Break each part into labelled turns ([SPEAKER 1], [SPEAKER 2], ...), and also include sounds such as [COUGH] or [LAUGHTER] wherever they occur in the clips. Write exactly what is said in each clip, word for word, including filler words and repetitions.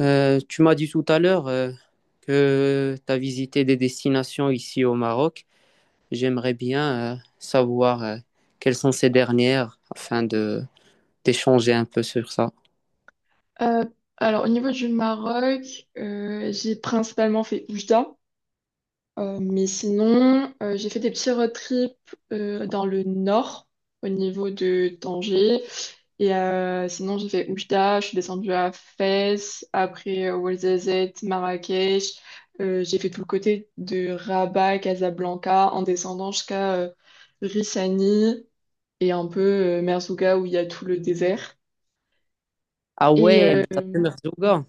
[SPEAKER 1] Euh, tu m'as dit tout à l'heure euh, que tu as visité des destinations ici au Maroc. J'aimerais bien euh, savoir euh, quelles sont ces dernières afin de d'échanger un peu sur ça.
[SPEAKER 2] Euh, alors, au niveau du Maroc, euh, j'ai principalement fait Oujda, euh, mais sinon, euh, j'ai fait des petits road trips euh, dans le nord, au niveau de Tanger. Et euh, sinon, j'ai fait Oujda, je suis descendue à Fès, après euh, Ouarzazate, Marrakech. Euh, j'ai fait tout le côté de Rabat, Casablanca, en descendant jusqu'à euh, Rissani et un peu euh, Merzouga où il y a tout le désert.
[SPEAKER 1] Ah
[SPEAKER 2] Et,
[SPEAKER 1] ouais,
[SPEAKER 2] euh,
[SPEAKER 1] t'as fait Merzouga.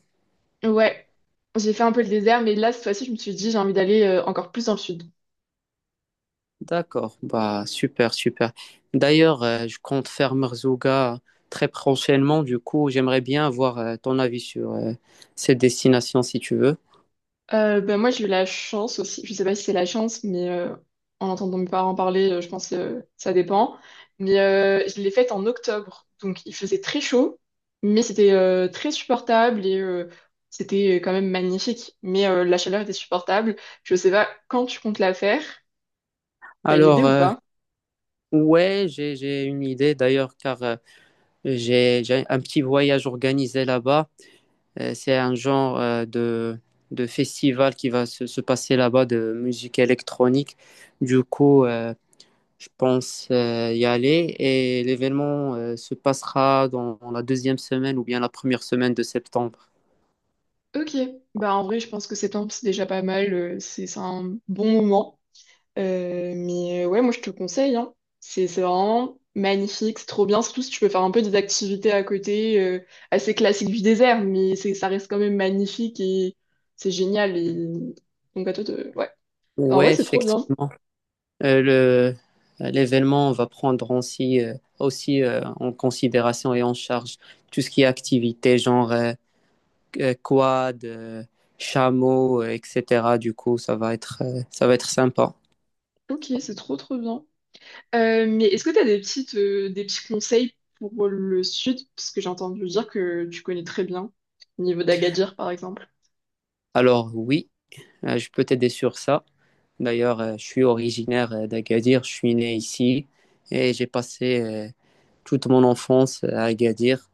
[SPEAKER 2] Ouais, j'ai fait un peu le désert, mais là, cette fois-ci, je me suis dit, j'ai envie d'aller euh, encore plus dans le sud.
[SPEAKER 1] D'accord, bah super, super. D'ailleurs, euh, je compte faire Merzouga très prochainement. Du coup, j'aimerais bien avoir euh, ton avis sur euh, cette destination si tu veux.
[SPEAKER 2] Euh, ben, moi, j'ai eu la chance aussi, je sais pas si c'est la chance, mais euh, en entendant mes parents parler, euh, je pense que ça dépend. Mais euh, je l'ai faite en octobre, donc il faisait très chaud, mais c'était euh, très supportable et euh, c'était quand même magnifique. Mais euh, la chaleur était supportable. Je sais pas quand tu comptes la faire, t'as une idée
[SPEAKER 1] Alors,
[SPEAKER 2] ou
[SPEAKER 1] euh,
[SPEAKER 2] pas?
[SPEAKER 1] ouais, j'ai j'ai une idée d'ailleurs car euh, J'ai, j'ai un petit voyage organisé là-bas. Euh, C'est un genre euh, de, de festival qui va se, se passer là-bas de musique électronique. Du coup, euh, je pense euh, y aller et l'événement euh, se passera dans, dans la deuxième semaine ou bien la première semaine de septembre.
[SPEAKER 2] Ok, bah en vrai, je pense que septembre, c'est déjà pas mal, euh, c'est c'est un bon moment. Euh, mais euh, ouais, moi je te conseille, hein. C'est c'est vraiment magnifique, c'est trop bien, surtout si tu peux faire un peu des activités à côté, euh, assez classiques du désert, mais c'est, ça reste quand même magnifique et c'est génial. Et... Donc à toi, de- ouais. En vrai,
[SPEAKER 1] Ouais,
[SPEAKER 2] c'est trop bien.
[SPEAKER 1] effectivement. Euh, le, L'événement va prendre aussi, euh, aussi euh, en considération et en charge tout ce qui est activité, genre euh, euh, quad, euh, chameau, euh, et cetera. Du coup, ça va être, euh, ça va être sympa.
[SPEAKER 2] Ok, c'est trop trop bien. Euh, mais est-ce que tu as des petites, euh, des petits conseils pour le sud? Parce que j'ai entendu dire que tu connais très bien, au niveau d'Agadir par exemple.
[SPEAKER 1] Alors oui, euh, je peux t'aider sur ça. D'ailleurs, euh, je suis originaire euh, d'Agadir, je suis né ici et j'ai passé euh, toute mon enfance euh, à Agadir.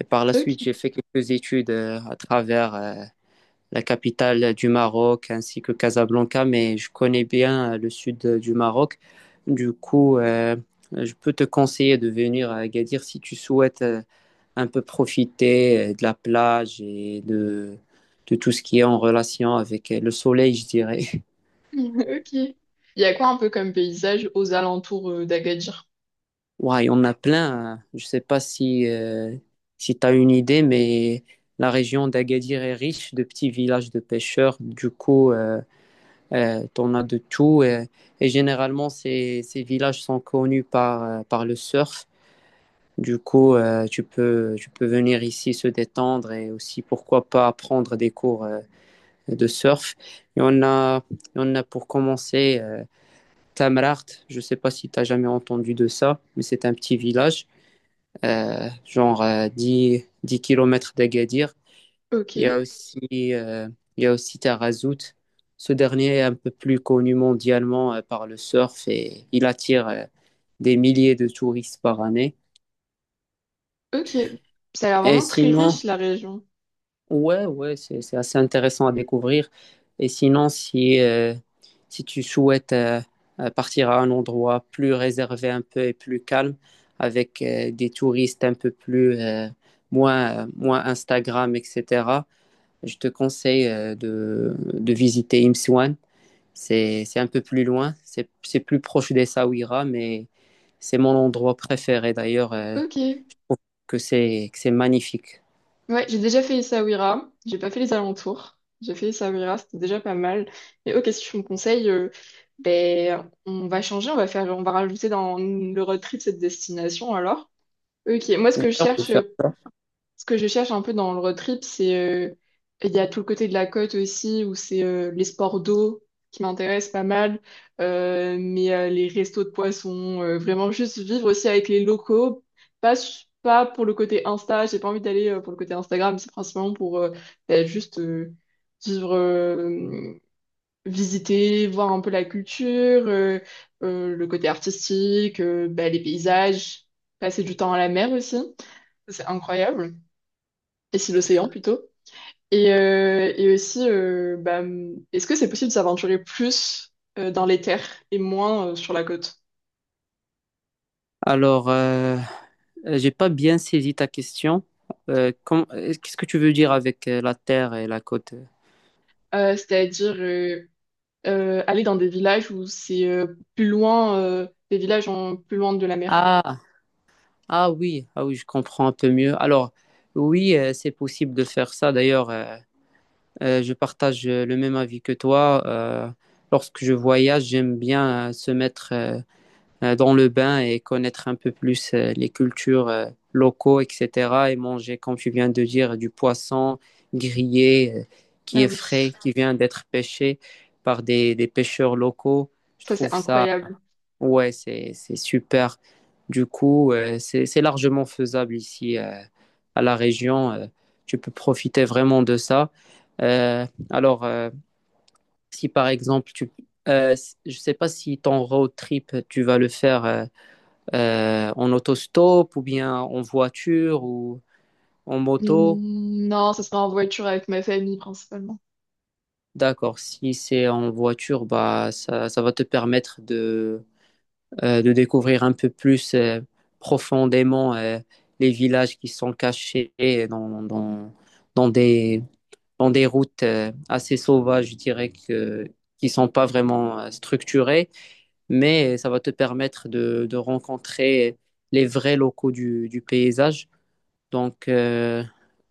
[SPEAKER 1] Et par la
[SPEAKER 2] Ok,
[SPEAKER 1] suite, j'ai fait quelques études euh, à travers euh, la capitale du Maroc, ainsi que Casablanca, mais je connais bien euh, le sud euh, du Maroc. Du coup, euh, je peux te conseiller de venir à Agadir si tu souhaites euh, un peu profiter euh, de la plage et de, de tout ce qui est en relation avec euh, le soleil, je dirais. [LAUGHS]
[SPEAKER 2] [LAUGHS] ok. Il y a quoi un peu comme paysage aux alentours euh, d'Agadir?
[SPEAKER 1] Ouais, on a plein, hein. Je sais pas si, euh, si tu as une idée, mais la région d'Agadir est riche de petits villages de pêcheurs. Du coup, euh, Euh, t'en as de tout. Euh, et généralement, ces, ces villages sont connus par, euh, par le surf. Du coup, euh, tu peux, tu peux venir ici se détendre et aussi, pourquoi pas, prendre des cours euh, de surf. Et on a, on a pour commencer euh, Tamraght. Je ne sais pas si tu as jamais entendu de ça, mais c'est un petit village, euh, genre euh, dix 10 km d'Agadir.
[SPEAKER 2] Ok.
[SPEAKER 1] Il y a aussi, euh, il y a aussi Tarazout. Ce dernier est un peu plus connu mondialement euh, par le surf et il attire euh, des milliers de touristes par année.
[SPEAKER 2] Ok, ça a l'air
[SPEAKER 1] Et
[SPEAKER 2] vraiment très
[SPEAKER 1] sinon,
[SPEAKER 2] riche la région.
[SPEAKER 1] ouais, ouais, c'est, c'est assez intéressant à découvrir. Et sinon, si, euh, si tu souhaites euh, euh, partir à un endroit plus réservé un peu et plus calme, avec euh, des touristes un peu plus, euh, moins, moins Instagram, et cetera, je te conseille euh, de, de visiter Imswan. C'est c'est un peu plus loin, c'est c'est plus proche des Saouira, mais c'est mon endroit préféré d'ailleurs. Euh,
[SPEAKER 2] Ok,
[SPEAKER 1] je trouve que c'est que c'est magnifique.
[SPEAKER 2] ouais, j'ai déjà fait Essaouira, j'ai pas fait les alentours. J'ai fait Essaouira, c'était déjà pas mal. Mais ok, si tu me conseilles, euh, ben, on va changer, on va faire, on va rajouter dans le road trip cette destination alors. Ok, moi ce que je
[SPEAKER 1] On peut
[SPEAKER 2] cherche
[SPEAKER 1] faire-
[SPEAKER 2] euh, ce que je cherche un peu dans le road trip, c'est euh, il y a tout le côté de la côte aussi où c'est euh, les sports d'eau qui m'intéressent pas mal, euh, mais euh, les restos de poissons, euh, vraiment juste vivre aussi avec les locaux, pas su- pas pour le côté Insta, j'ai pas envie d'aller euh, pour le côté Instagram, c'est principalement pour euh, bah, juste euh, vivre, euh, visiter, voir un peu la culture, euh, euh, le côté artistique, euh, bah, les paysages, passer du temps à la mer aussi, c'est incroyable et c'est l'océan plutôt. Et, euh, et aussi, euh, bah, est-ce que c'est possible de s'aventurer plus euh, dans les terres et moins euh, sur la côte?
[SPEAKER 1] Alors, euh, j'ai pas bien saisi ta question. Euh, com- euh, qu'est-ce que tu veux dire avec euh, la terre et la côte?
[SPEAKER 2] Euh, c'est-à-dire euh, euh, aller dans des villages où c'est euh, plus loin, euh, des villages en, plus loin de la mer.
[SPEAKER 1] Ah, ah oui, ah oui, je comprends un peu mieux. Alors, oui, euh, c'est possible de faire ça. D'ailleurs, euh, euh, je partage euh, le même avis que toi. Euh, lorsque je voyage, j'aime bien euh, se mettre euh, euh, dans le bain et connaître un peu plus euh, les cultures euh, locaux, et cetera. Et manger, comme tu viens de dire, du poisson grillé euh, qui
[SPEAKER 2] Ah
[SPEAKER 1] est
[SPEAKER 2] oui,
[SPEAKER 1] frais, qui vient d'être pêché par des, des pêcheurs locaux. Je
[SPEAKER 2] ça c'est
[SPEAKER 1] trouve ça,
[SPEAKER 2] incroyable.
[SPEAKER 1] ouais, c'est, c'est super. Du coup, euh, c'est, c'est largement faisable ici euh, à la région. Euh, tu peux profiter vraiment de ça. Euh, alors, euh, si par exemple, tu, euh, je ne sais pas si ton road trip, tu vas le faire. euh, euh, en autostop ou bien en voiture ou en moto.
[SPEAKER 2] Hmm, non, ça sera en voiture avec ma famille principalement.
[SPEAKER 1] D'accord, si c'est en voiture, bah, ça, ça va te permettre de, euh, de découvrir un peu plus euh, profondément euh, les villages qui sont cachés dans, dans, dans des, dans des routes euh, assez sauvages, je dirais, que, qui sont pas vraiment euh, structurées, mais ça va te permettre de, de rencontrer les vrais locaux du, du paysage. Donc, euh,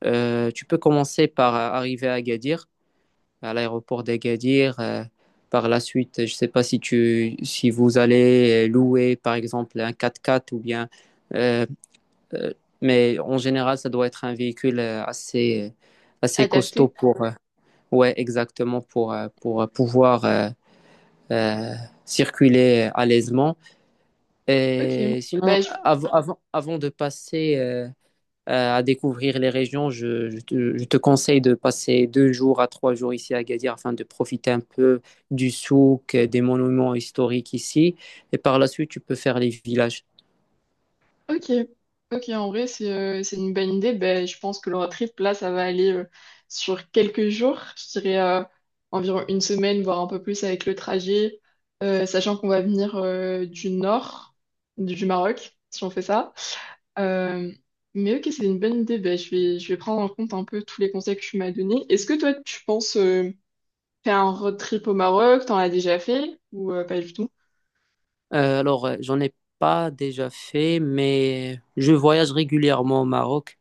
[SPEAKER 1] euh, tu peux commencer par euh, arriver à Agadir, à l'aéroport d'Agadir. Euh, par la suite, je ne sais pas si tu, si vous allez euh, louer, par exemple, un quatre-quatre ou bien, euh, euh, mais en général, ça doit être un véhicule euh, assez, assez costaud
[SPEAKER 2] Adapté.
[SPEAKER 1] pour, euh, ouais, exactement, pour, euh, pour pouvoir euh, euh, circuler euh, à l'aisement.
[SPEAKER 2] Ok.
[SPEAKER 1] Et sinon,
[SPEAKER 2] Bah, je
[SPEAKER 1] av- avant, avant de passer euh, euh, à découvrir les régions, je, je te, je te conseille de passer deux jours à trois jours ici à Agadir afin de profiter un peu du souk, des monuments historiques ici. Et par la suite, tu peux faire les villages.
[SPEAKER 2] ok, ok, en vrai, c'est euh, c'est une bonne idée. Ben, je pense que le road trip, là, ça va aller euh, sur quelques jours, je dirais euh, environ une semaine, voire un peu plus avec le trajet, euh, sachant qu'on va venir euh, du nord du du Maroc, si on fait ça. Euh, mais ok, c'est une bonne idée. Ben, je vais, je vais prendre en compte un peu tous les conseils que tu m'as donnés. Est-ce que toi, tu penses euh, faire un road trip au Maroc? T'en as déjà fait ou euh, pas du tout?
[SPEAKER 1] Euh, alors, euh, j'en ai pas déjà fait, mais je voyage régulièrement au Maroc.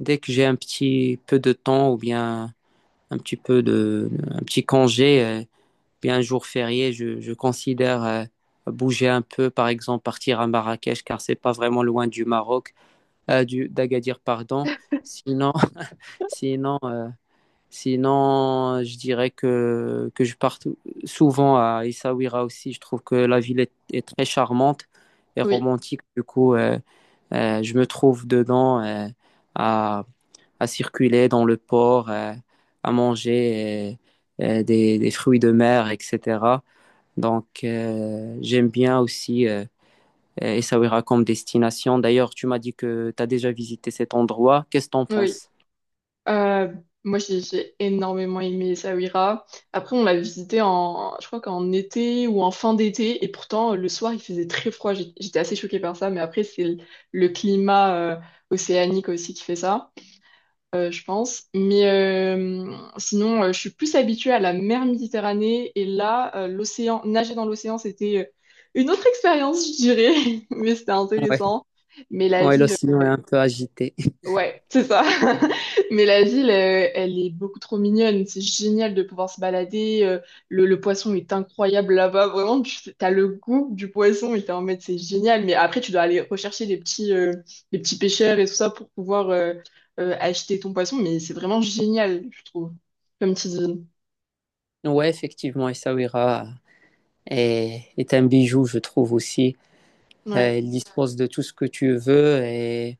[SPEAKER 1] Dès que j'ai un petit peu de temps ou bien un petit peu de, un petit congé, euh, bien un jour férié, je, je considère euh, bouger un peu, par exemple partir à Marrakech, car c'est pas vraiment loin du Maroc. euh, du- D'Agadir, pardon. Sinon, [LAUGHS] sinon, euh, sinon, je dirais que, que je pars tou- souvent à Essaouira aussi. Je trouve que la ville est, est très charmante et
[SPEAKER 2] Oui,
[SPEAKER 1] romantique. Du coup, euh, euh, je me trouve dedans euh, à, à circuler dans le port, euh, à manger euh, euh, des, des fruits de mer, et cetera. Donc, euh, j'aime bien aussi. euh, euh, Essaouira comme destination. D'ailleurs, tu m'as dit que tu as déjà visité cet endroit. Qu'est-ce que tu en
[SPEAKER 2] oui.
[SPEAKER 1] penses?
[SPEAKER 2] Euh, Moi, j'ai j'ai énormément aimé Essaouira. Après, on l'a visité en, je crois qu'en été ou en fin d'été. Et pourtant, le soir, il faisait très froid. J'ai- J'étais assez choquée par ça. Mais après, c'est le, le climat euh, océanique aussi qui fait ça, euh, je pense. Mais euh, sinon, euh, je suis plus habituée à la mer Méditerranée. Et là, euh, l'océan, nager dans l'océan, c'était euh, une autre expérience, je dirais. [LAUGHS] Mais c'était
[SPEAKER 1] Ouais.
[SPEAKER 2] intéressant. Mais la
[SPEAKER 1] Ouais,
[SPEAKER 2] ville
[SPEAKER 1] l'océan est un peu agité. [LAUGHS]
[SPEAKER 2] ouais, c'est ça. [LAUGHS] Mais la ville, euh, elle est beaucoup trop mignonne. C'est génial de pouvoir se balader. euh, le, le poisson est incroyable là-bas. Vraiment, tu as le goût du poisson et t'es en mode, c'est génial. Mais après, tu dois aller rechercher les petits, euh, les petits pêcheurs et tout ça pour pouvoir euh, euh, acheter ton poisson. Mais c'est vraiment génial, je trouve, comme petite ville.
[SPEAKER 1] Ouais, effectivement, Essaouira est, est un bijou, je trouve aussi. Euh,
[SPEAKER 2] Ouais.
[SPEAKER 1] il dispose de tout ce que tu veux et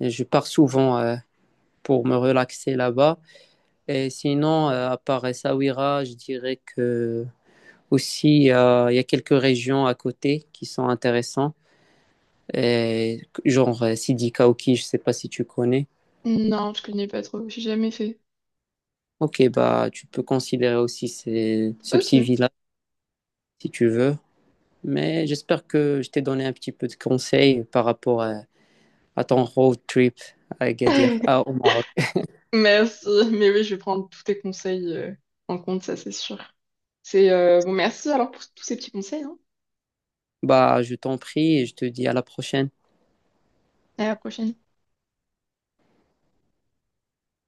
[SPEAKER 1] je pars souvent euh, pour me relaxer là-bas. Et sinon, euh, à part Essaouira, je dirais que aussi euh, il y a quelques régions à côté qui sont intéressantes. Et genre euh, Sidi Kaouki, je ne sais pas si tu connais.
[SPEAKER 2] Non, je connais pas trop. J'ai jamais fait.
[SPEAKER 1] Ok, bah tu peux considérer aussi ces- ce
[SPEAKER 2] Ok.
[SPEAKER 1] petit village si tu veux. Mais j'espère que je t'ai donné un petit peu de conseils par rapport à, à ton road trip à Agadir, à- au
[SPEAKER 2] [LAUGHS]
[SPEAKER 1] Maroc.
[SPEAKER 2] Merci. Mais oui, je vais prendre tous tes conseils euh, en compte, ça, c'est sûr. C'est euh, Bon, merci alors pour tous ces petits conseils, hein.
[SPEAKER 1] Bah je t'en prie et je te dis à la prochaine.
[SPEAKER 2] À la prochaine.